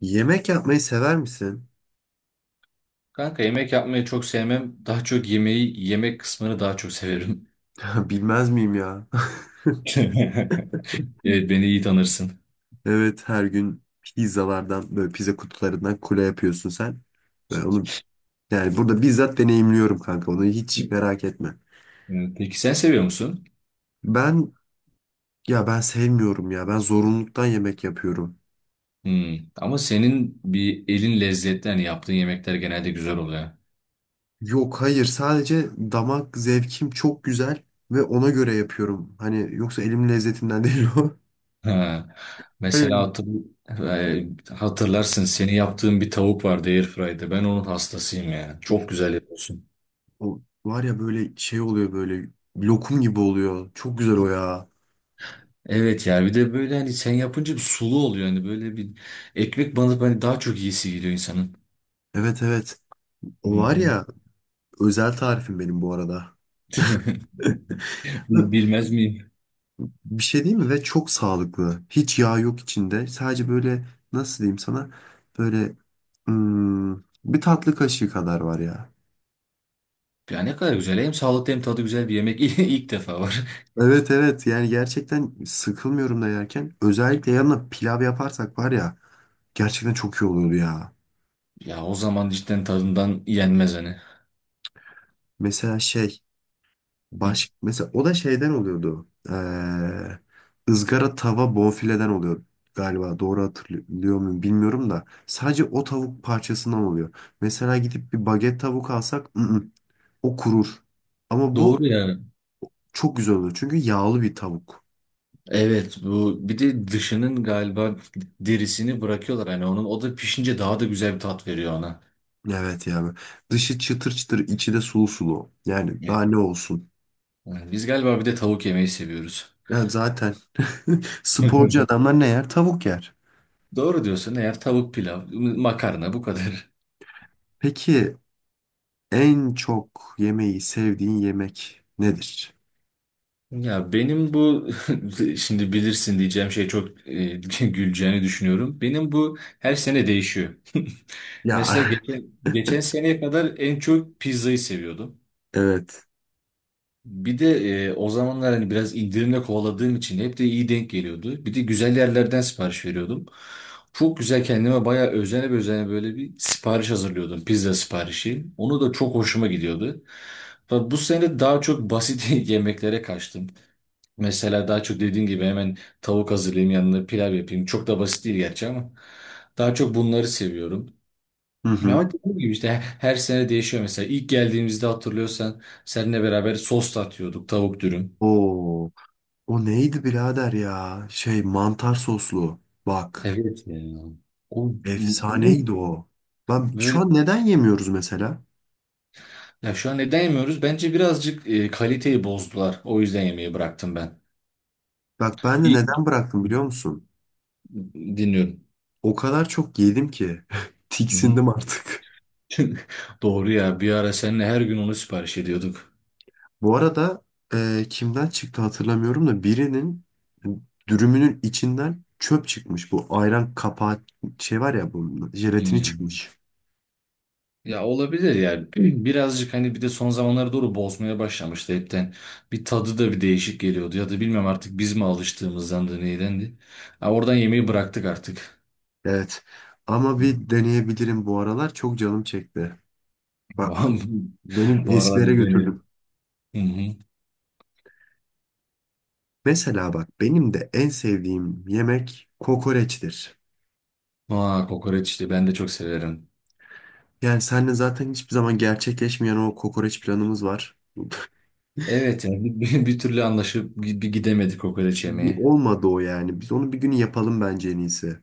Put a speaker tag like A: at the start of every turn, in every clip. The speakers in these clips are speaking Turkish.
A: Yemek yapmayı sever misin?
B: Kanka yemek yapmayı çok sevmem. Daha çok yemek kısmını daha çok severim.
A: Bilmez miyim ya?
B: Evet, beni iyi tanırsın.
A: Evet her gün pizzalardan böyle pizza kutularından kule yapıyorsun sen. Ve onu yani burada bizzat deneyimliyorum kanka onu hiç merak etme.
B: Evet, peki sen seviyor musun?
A: Ben ya ben sevmiyorum ya ben zorunluluktan yemek yapıyorum.
B: Hmm. Ama senin bir elin lezzetli, hani yaptığın yemekler genelde güzel oluyor.
A: Yok hayır sadece damak zevkim çok güzel ve ona göre yapıyorum. Hani yoksa elimin lezzetinden değil o.
B: Ha. Mesela
A: Hani
B: hatırlarsın, seni yaptığın bir tavuk vardı Airfry'de. Ben onun hastasıyım ya.
A: of,
B: Çok güzel yapıyorsun.
A: o var ya böyle şey oluyor böyle lokum gibi oluyor. Çok güzel o ya.
B: Evet ya, bir de böyle hani sen yapınca bir sulu oluyor. Hani böyle bir ekmek banıp hani daha çok iyisi geliyor insanın.
A: Evet, evet. O
B: Hı
A: var
B: hı.
A: ya özel tarifim benim bu arada. Ve
B: Bilmez miyim?
A: bir şey değil mi? Ve çok sağlıklı. Hiç yağ yok içinde. Sadece böyle nasıl diyeyim sana? Böyle hmm, bir tatlı kaşığı kadar var ya.
B: Ya ne kadar güzel. Hem sağlıklı hem tadı güzel bir yemek, ilk defa var.
A: Evet, evet, yani gerçekten sıkılmıyorum da yerken. Özellikle yanına pilav yaparsak var ya gerçekten çok iyi oluyordu ya.
B: Ya o zaman cidden tadından yenmez hani.
A: Mesela
B: Hı.
A: Mesela o da şeyden oluyordu. Izgara tava bonfileden oluyor galiba. Doğru hatırlıyor muyum bilmiyorum da. Sadece o tavuk parçasından oluyor. Mesela gidip bir baget tavuk alsak o kurur. Ama bu
B: Doğru ya.
A: çok güzel oluyor. Çünkü yağlı bir tavuk.
B: Evet, bu bir de dışının galiba derisini bırakıyorlar, hani onun o da pişince daha da güzel bir tat veriyor ona.
A: Evet yani. Dışı çıtır çıtır, içi de sulu sulu. Yani daha
B: Evet.
A: ne olsun?
B: Yani biz galiba bir de tavuk yemeyi seviyoruz.
A: Ya zaten sporcu adamlar ne yer? Tavuk yer.
B: Doğru diyorsun, eğer tavuk, pilav, makarna, bu kadar.
A: Peki en çok yemeği sevdiğin yemek nedir?
B: Ya benim bu şimdi bilirsin diyeceğim şey çok güleceğini düşünüyorum. Benim bu her sene değişiyor. Mesela
A: Ya
B: geçen seneye kadar en çok pizzayı seviyordum.
A: evet.
B: Bir de o zamanlar hani biraz indirimle kovaladığım için hep de iyi denk geliyordu. Bir de güzel yerlerden sipariş veriyordum. Çok güzel, kendime bayağı özene özene böyle bir sipariş hazırlıyordum. Pizza siparişi. Onu da çok hoşuma gidiyordu. Fakat bu sene daha çok basit yemeklere kaçtım. Mesela daha çok dediğin gibi hemen tavuk hazırlayayım, yanına pilav yapayım. Çok da basit değil gerçi ama daha çok bunları seviyorum.
A: Hı hı.
B: Ama dediğim gibi işte her sene değişiyor mesela. İlk geldiğimizde hatırlıyorsan seninle beraber sos da atıyorduk, tavuk dürüm.
A: Oo, o neydi birader ya? Şey mantar soslu. Bak,
B: Evet ya. O, o
A: efsaneydi o. Ben şu
B: böyle,
A: an neden yemiyoruz mesela?
B: ya şu an neden yemiyoruz? Bence birazcık kaliteyi bozdular. O yüzden yemeği bıraktım ben.
A: Bak ben de
B: İyi
A: neden bıraktım biliyor musun?
B: dinliyorum.
A: O kadar çok yedim ki
B: Hı hı.
A: tiksindim artık.
B: Doğru ya, bir ara seninle her gün onu sipariş ediyorduk.
A: Bu arada kimden çıktı hatırlamıyorum da birinin dürümünün içinden çöp çıkmış. Bu ayran kapağı şey var ya bunun jelatini
B: Hmm.
A: çıkmış.
B: Ya olabilir yani. Birazcık hani bir de son zamanlara doğru bozmaya başlamıştı hepten. Bir tadı da bir değişik geliyordu ya da bilmem artık biz mi alıştığımızdan da neydendi. Ha, oradan yemeği bıraktık artık.
A: Evet. Ama bir deneyebilirim bu aralar. Çok canım çekti.
B: Bu
A: Ba- Beni
B: bu arada
A: eskilere
B: bir deneyelim.
A: götürdüm.
B: Hı hı.
A: Mesela bak benim de en sevdiğim yemek kokoreçtir.
B: Aa, kokoreç işte ben de çok severim.
A: Yani seninle zaten hiçbir zaman gerçekleşmeyen o kokoreç planımız var.
B: Evet yani bir türlü anlaşıp bir gidemedik kokoreç
A: Bir
B: yemeye.
A: olmadı o yani. Biz onu bir gün yapalım bence en iyisi.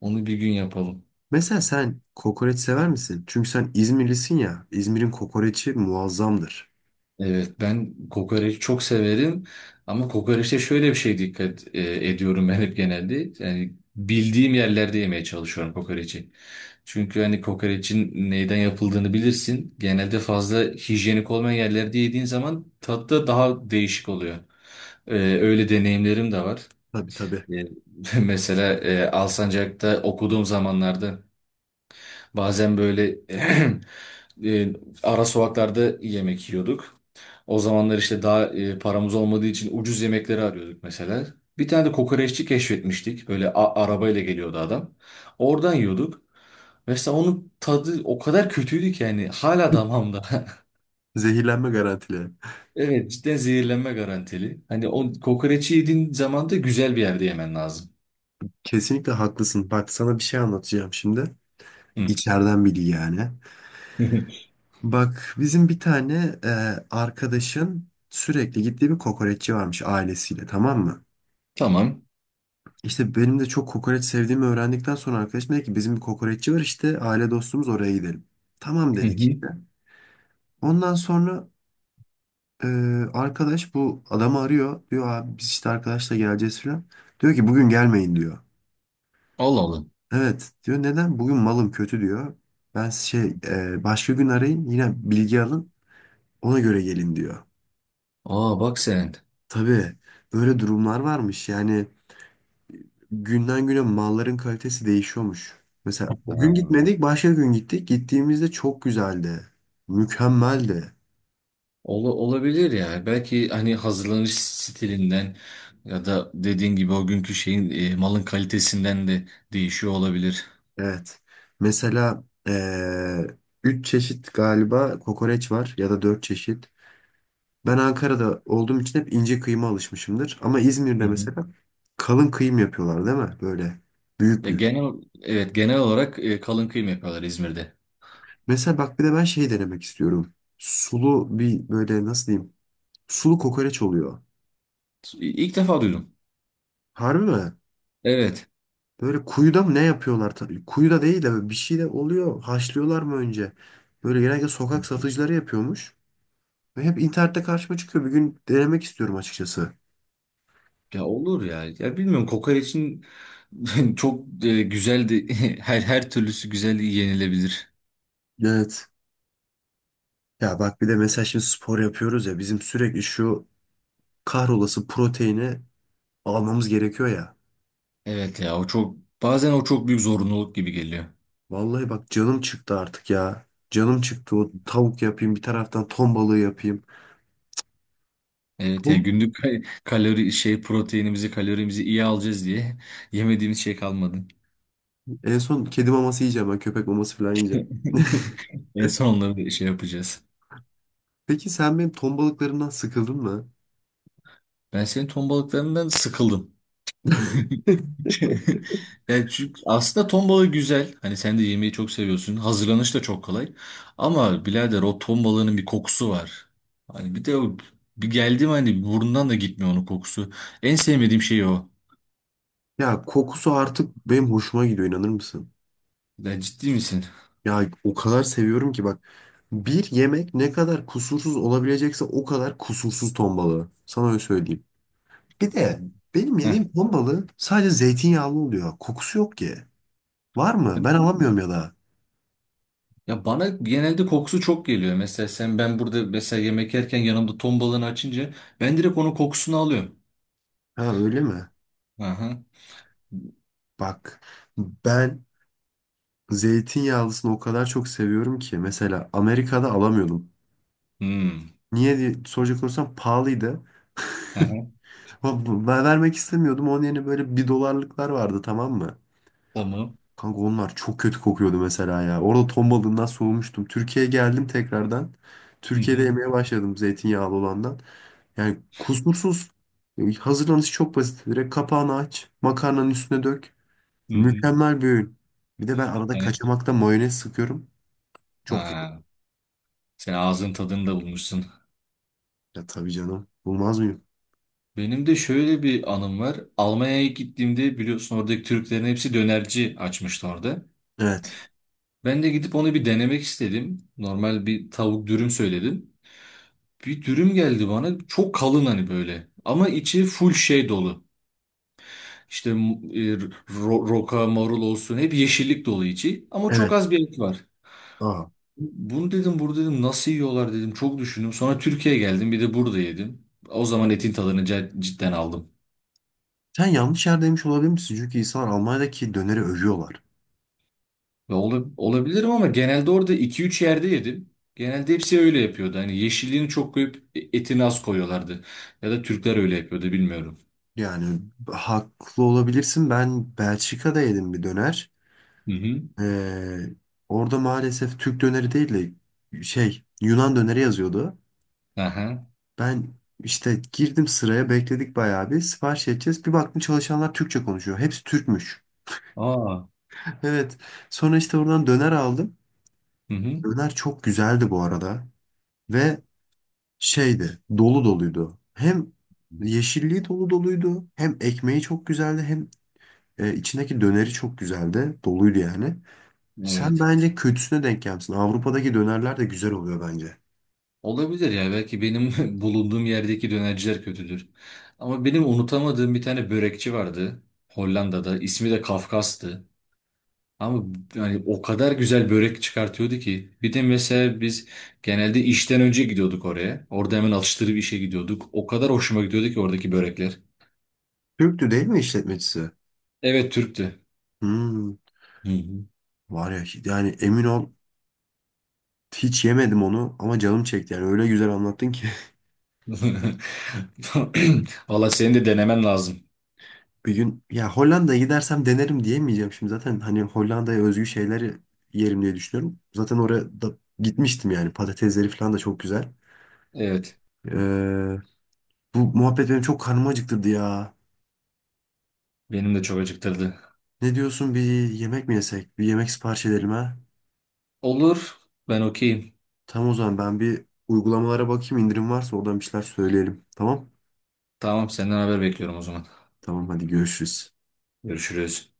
B: Onu bir gün yapalım.
A: Mesela sen kokoreç sever misin? Çünkü sen İzmirlisin ya. İzmir'in kokoreçi muazzamdır.
B: Evet, ben kokoreç çok severim ama kokoreçte şöyle bir şey dikkat ediyorum ben hep genelde. Yani bildiğim yerlerde yemeye çalışıyorum kokoreçi. Çünkü hani kokoreçin neyden yapıldığını bilirsin. Genelde fazla hijyenik olmayan yerlerde yediğin zaman tadı da daha değişik oluyor. Öyle deneyimlerim de var.
A: Tabii, tabii.
B: E, mesela Alsancak'ta okuduğum zamanlarda bazen böyle e, ara sokaklarda yemek yiyorduk. O zamanlar işte daha paramız olmadığı için ucuz yemekleri arıyorduk mesela. Bir tane de kokoreççi keşfetmiştik. Böyle arabayla geliyordu adam. Oradan yiyorduk. Mesela onun tadı o kadar kötüydü ki, yani hala damağımda.
A: Zehirlenme garantili.
B: Evet, cidden zehirlenme garantili. Hani o kokoreçi yediğin zaman da güzel bir yerde yemen lazım.
A: Kesinlikle haklısın. Bak sana bir şey anlatacağım şimdi.
B: Hı.
A: İçeriden biri yani. Bak bizim bir tane arkadaşın sürekli gittiği bir kokoreççi varmış ailesiyle, tamam mı?
B: Tamam.
A: İşte benim de çok kokoreç sevdiğimi öğrendikten sonra arkadaşım dedi ki bizim bir kokoreççi var işte aile dostumuz, oraya gidelim. Tamam
B: Hı
A: dedik
B: hı.
A: işte. Ondan sonra e, arkadaş bu adamı arıyor. Diyor abi biz işte arkadaşla geleceğiz falan. Diyor ki bugün gelmeyin diyor.
B: Allah Allah.
A: Evet diyor, neden? Bugün malım kötü diyor. Ben başka gün arayın yine bilgi alın, ona göre gelin diyor.
B: Aa, bak sen.
A: Tabii böyle durumlar varmış. Yani günden güne malların kalitesi değişiyormuş. Mesela o gün gitmedik,
B: Ha.
A: başka gün gittik. Gittiğimizde çok güzeldi. Mükemmeldi.
B: Olabilir yani. Belki hani hazırlanış stilinden ya da dediğin gibi o günkü şeyin malın kalitesinden de değişiyor olabilir.
A: Evet. Mesela üç çeşit galiba kokoreç var, ya da dört çeşit. Ben Ankara'da olduğum için hep ince kıyma alışmışımdır. Ama
B: Hı
A: İzmir'de
B: hı.
A: mesela kalın kıyım yapıyorlar değil mi? Böyle büyük
B: Ya
A: büyük.
B: genel, evet, genel olarak kalın kıyım yapıyorlar İzmir'de.
A: Mesela bak bir de ben şey denemek istiyorum. Sulu bir böyle nasıl diyeyim? Sulu kokoreç oluyor.
B: İlk defa duydum.
A: Harbi mi?
B: Evet.
A: Böyle kuyuda mı ne yapıyorlar? Ta- kuyuda değil de böyle bir şey de oluyor. Haşlıyorlar mı önce? Böyle genelde sokak satıcıları yapıyormuş. Ve hep internette karşıma çıkıyor. Bir gün denemek istiyorum açıkçası.
B: Ya olur ya. Ya bilmiyorum, kokoreçin çok güzel de her türlüsü güzel yenilebilir.
A: Evet. Ya bak bir de mesela şimdi spor yapıyoruz ya. Bizim sürekli şu kahrolası proteini almamız gerekiyor ya.
B: Evet ya, o çok bazen o çok büyük zorunluluk gibi geliyor.
A: Vallahi bak canım çıktı artık ya. Canım çıktı, o tavuk yapayım bir taraftan ton balığı yapayım.
B: Evet yani
A: Ton-
B: günlük kalori, şey, proteinimizi, kalorimizi iyi alacağız diye yemediğimiz şey kalmadı.
A: En son kedi maması yiyeceğim ben, köpek maması falan yiyeceğim.
B: En son onları şey yapacağız.
A: Peki sen benim ton balıklarından sıkıldın mı?
B: Ben senin ton balıklarından sıkıldım. Yani çünkü aslında ton balığı güzel. Hani sen de yemeği çok seviyorsun. Hazırlanış da çok kolay. Ama birader, o ton balığının bir kokusu var. Hani bir de o bir geldim hani burnundan da gitmiyor onun kokusu. En sevmediğim şey o.
A: Ya kokusu artık benim hoşuma gidiyor inanır mısın?
B: Ya ciddi misin?
A: Ya o kadar seviyorum ki bak. Bir yemek ne kadar kusursuz olabilecekse o kadar kusursuz ton balığı. Sana öyle söyleyeyim. Bir de
B: Evet.
A: benim
B: Heh.
A: yediğim ton balığı sadece zeytinyağlı oluyor. Kokusu yok ki. Var mı? Ben alamıyorum ya da.
B: Ya bana genelde kokusu çok geliyor. Mesela sen, ben burada mesela yemek yerken yanımda ton balığını açınca ben direkt onun kokusunu alıyorum.
A: Ha öyle mi?
B: Aha.
A: Bak ben zeytinyağlısını o kadar çok seviyorum ki. Mesela Amerika'da alamıyordum.
B: Hmm.
A: Niye diye soracak olursam pahalıydı.
B: Aha.
A: Ama Ben vermek istemiyordum. Onun yerine böyle bir dolarlıklar vardı, tamam mı?
B: Tamam.
A: Kanka onlar çok kötü kokuyordu mesela ya. Orada ton balığından soğumuştum. Türkiye'ye geldim tekrardan.
B: Hı
A: Türkiye'de
B: hı.
A: yemeye başladım zeytinyağlı olandan. Yani kusursuz. Hazırlanışı çok basit. Direkt kapağını aç. Makarnanın üstüne dök.
B: Hı hı.
A: Mükemmel bir öğün. Bir de ben arada
B: Yani
A: kaçamakta mayonez sıkıyorum. Çok iyi.
B: ha. Sen ağzın tadını da bulmuşsun.
A: Ya tabii canım. Bulmaz mıyım?
B: Benim de şöyle bir anım var. Almanya'ya gittiğimde biliyorsun, oradaki Türklerin hepsi dönerci açmıştı orada.
A: Evet.
B: Ben de gidip onu bir denemek istedim. Normal bir tavuk dürüm söyledim. Bir dürüm geldi bana. Çok kalın hani böyle. Ama içi full şey dolu. İşte roka, marul olsun hep yeşillik dolu içi ama çok
A: Evet.
B: az bir et var.
A: Aa.
B: Bunu dedim, burada dedim nasıl yiyorlar dedim, çok düşündüm. Sonra Türkiye'ye geldim, bir de burada yedim. O zaman etin tadını cidden aldım.
A: Sen yanlış yerdeymiş olabilir misin? Çünkü insanlar Almanya'daki döneri övüyorlar.
B: Ve olabilirim ama genelde orada iki üç yerde yedim. Genelde hepsi öyle yapıyordu. Hani yeşilliğini çok koyup etini az koyuyorlardı. Ya da Türkler öyle yapıyordu bilmiyorum.
A: Yani haklı olabilirsin. Ben Belçika'da yedim bir döner.
B: Hı hı.
A: Ee, orada maalesef Türk döneri değil de şey Yunan döneri yazıyordu.
B: Aha.
A: Ben işte girdim sıraya, bekledik bayağı bir sipariş edeceğiz. Bir baktım çalışanlar Türkçe konuşuyor. Hepsi Türkmüş.
B: Aa.
A: Evet. Sonra işte oradan döner aldım.
B: Hı hı.
A: Döner çok güzeldi bu arada. Ve şeydi, dolu doluydu. Hem yeşilliği dolu doluydu. Hem ekmeği çok güzeldi. Hem içindeki döneri çok güzeldi. Doluydu yani. Sen
B: Evet.
A: bence kötüsüne denk gelmişsin. Avrupa'daki dönerler de güzel oluyor bence.
B: Olabilir ya, belki benim bulunduğum yerdeki dönerciler kötüdür. Ama benim unutamadığım bir tane börekçi vardı Hollanda'da. İsmi de Kafkas'tı. Ama yani o kadar güzel börek çıkartıyordu ki. Bir de mesela biz genelde işten önce gidiyorduk oraya. Orada hemen atıştırıp işe gidiyorduk. O kadar hoşuma gidiyordu ki oradaki börekler.
A: Türktü değil mi işletmecisi?
B: Evet, Türk'tü.
A: Hmm,
B: Hı hı.
A: var ya yani emin ol, hiç yemedim onu ama canım çekti yani öyle güzel anlattın ki.
B: Valla, senin de denemen lazım.
A: Bir gün ya Hollanda'ya gidersem denerim diyemeyeceğim şimdi zaten, hani Hollanda'ya özgü şeyleri yerim diye düşünüyorum. Zaten oraya da gitmiştim yani, patatesleri falan da çok güzel.
B: Evet,
A: Ee, bu muhabbet benim çok karnımı acıktırdı ya.
B: benim de çok acıktırdı.
A: Ne diyorsun, bir yemek mi yesek? Bir yemek sipariş edelim ha?
B: Olur, ben okeyim.
A: Tamam o zaman ben bir uygulamalara bakayım indirim varsa oradan bir şeyler söyleyelim. Tamam?
B: Tamam, senden haber bekliyorum o zaman.
A: Tamam hadi görüşürüz.
B: Görüşürüz.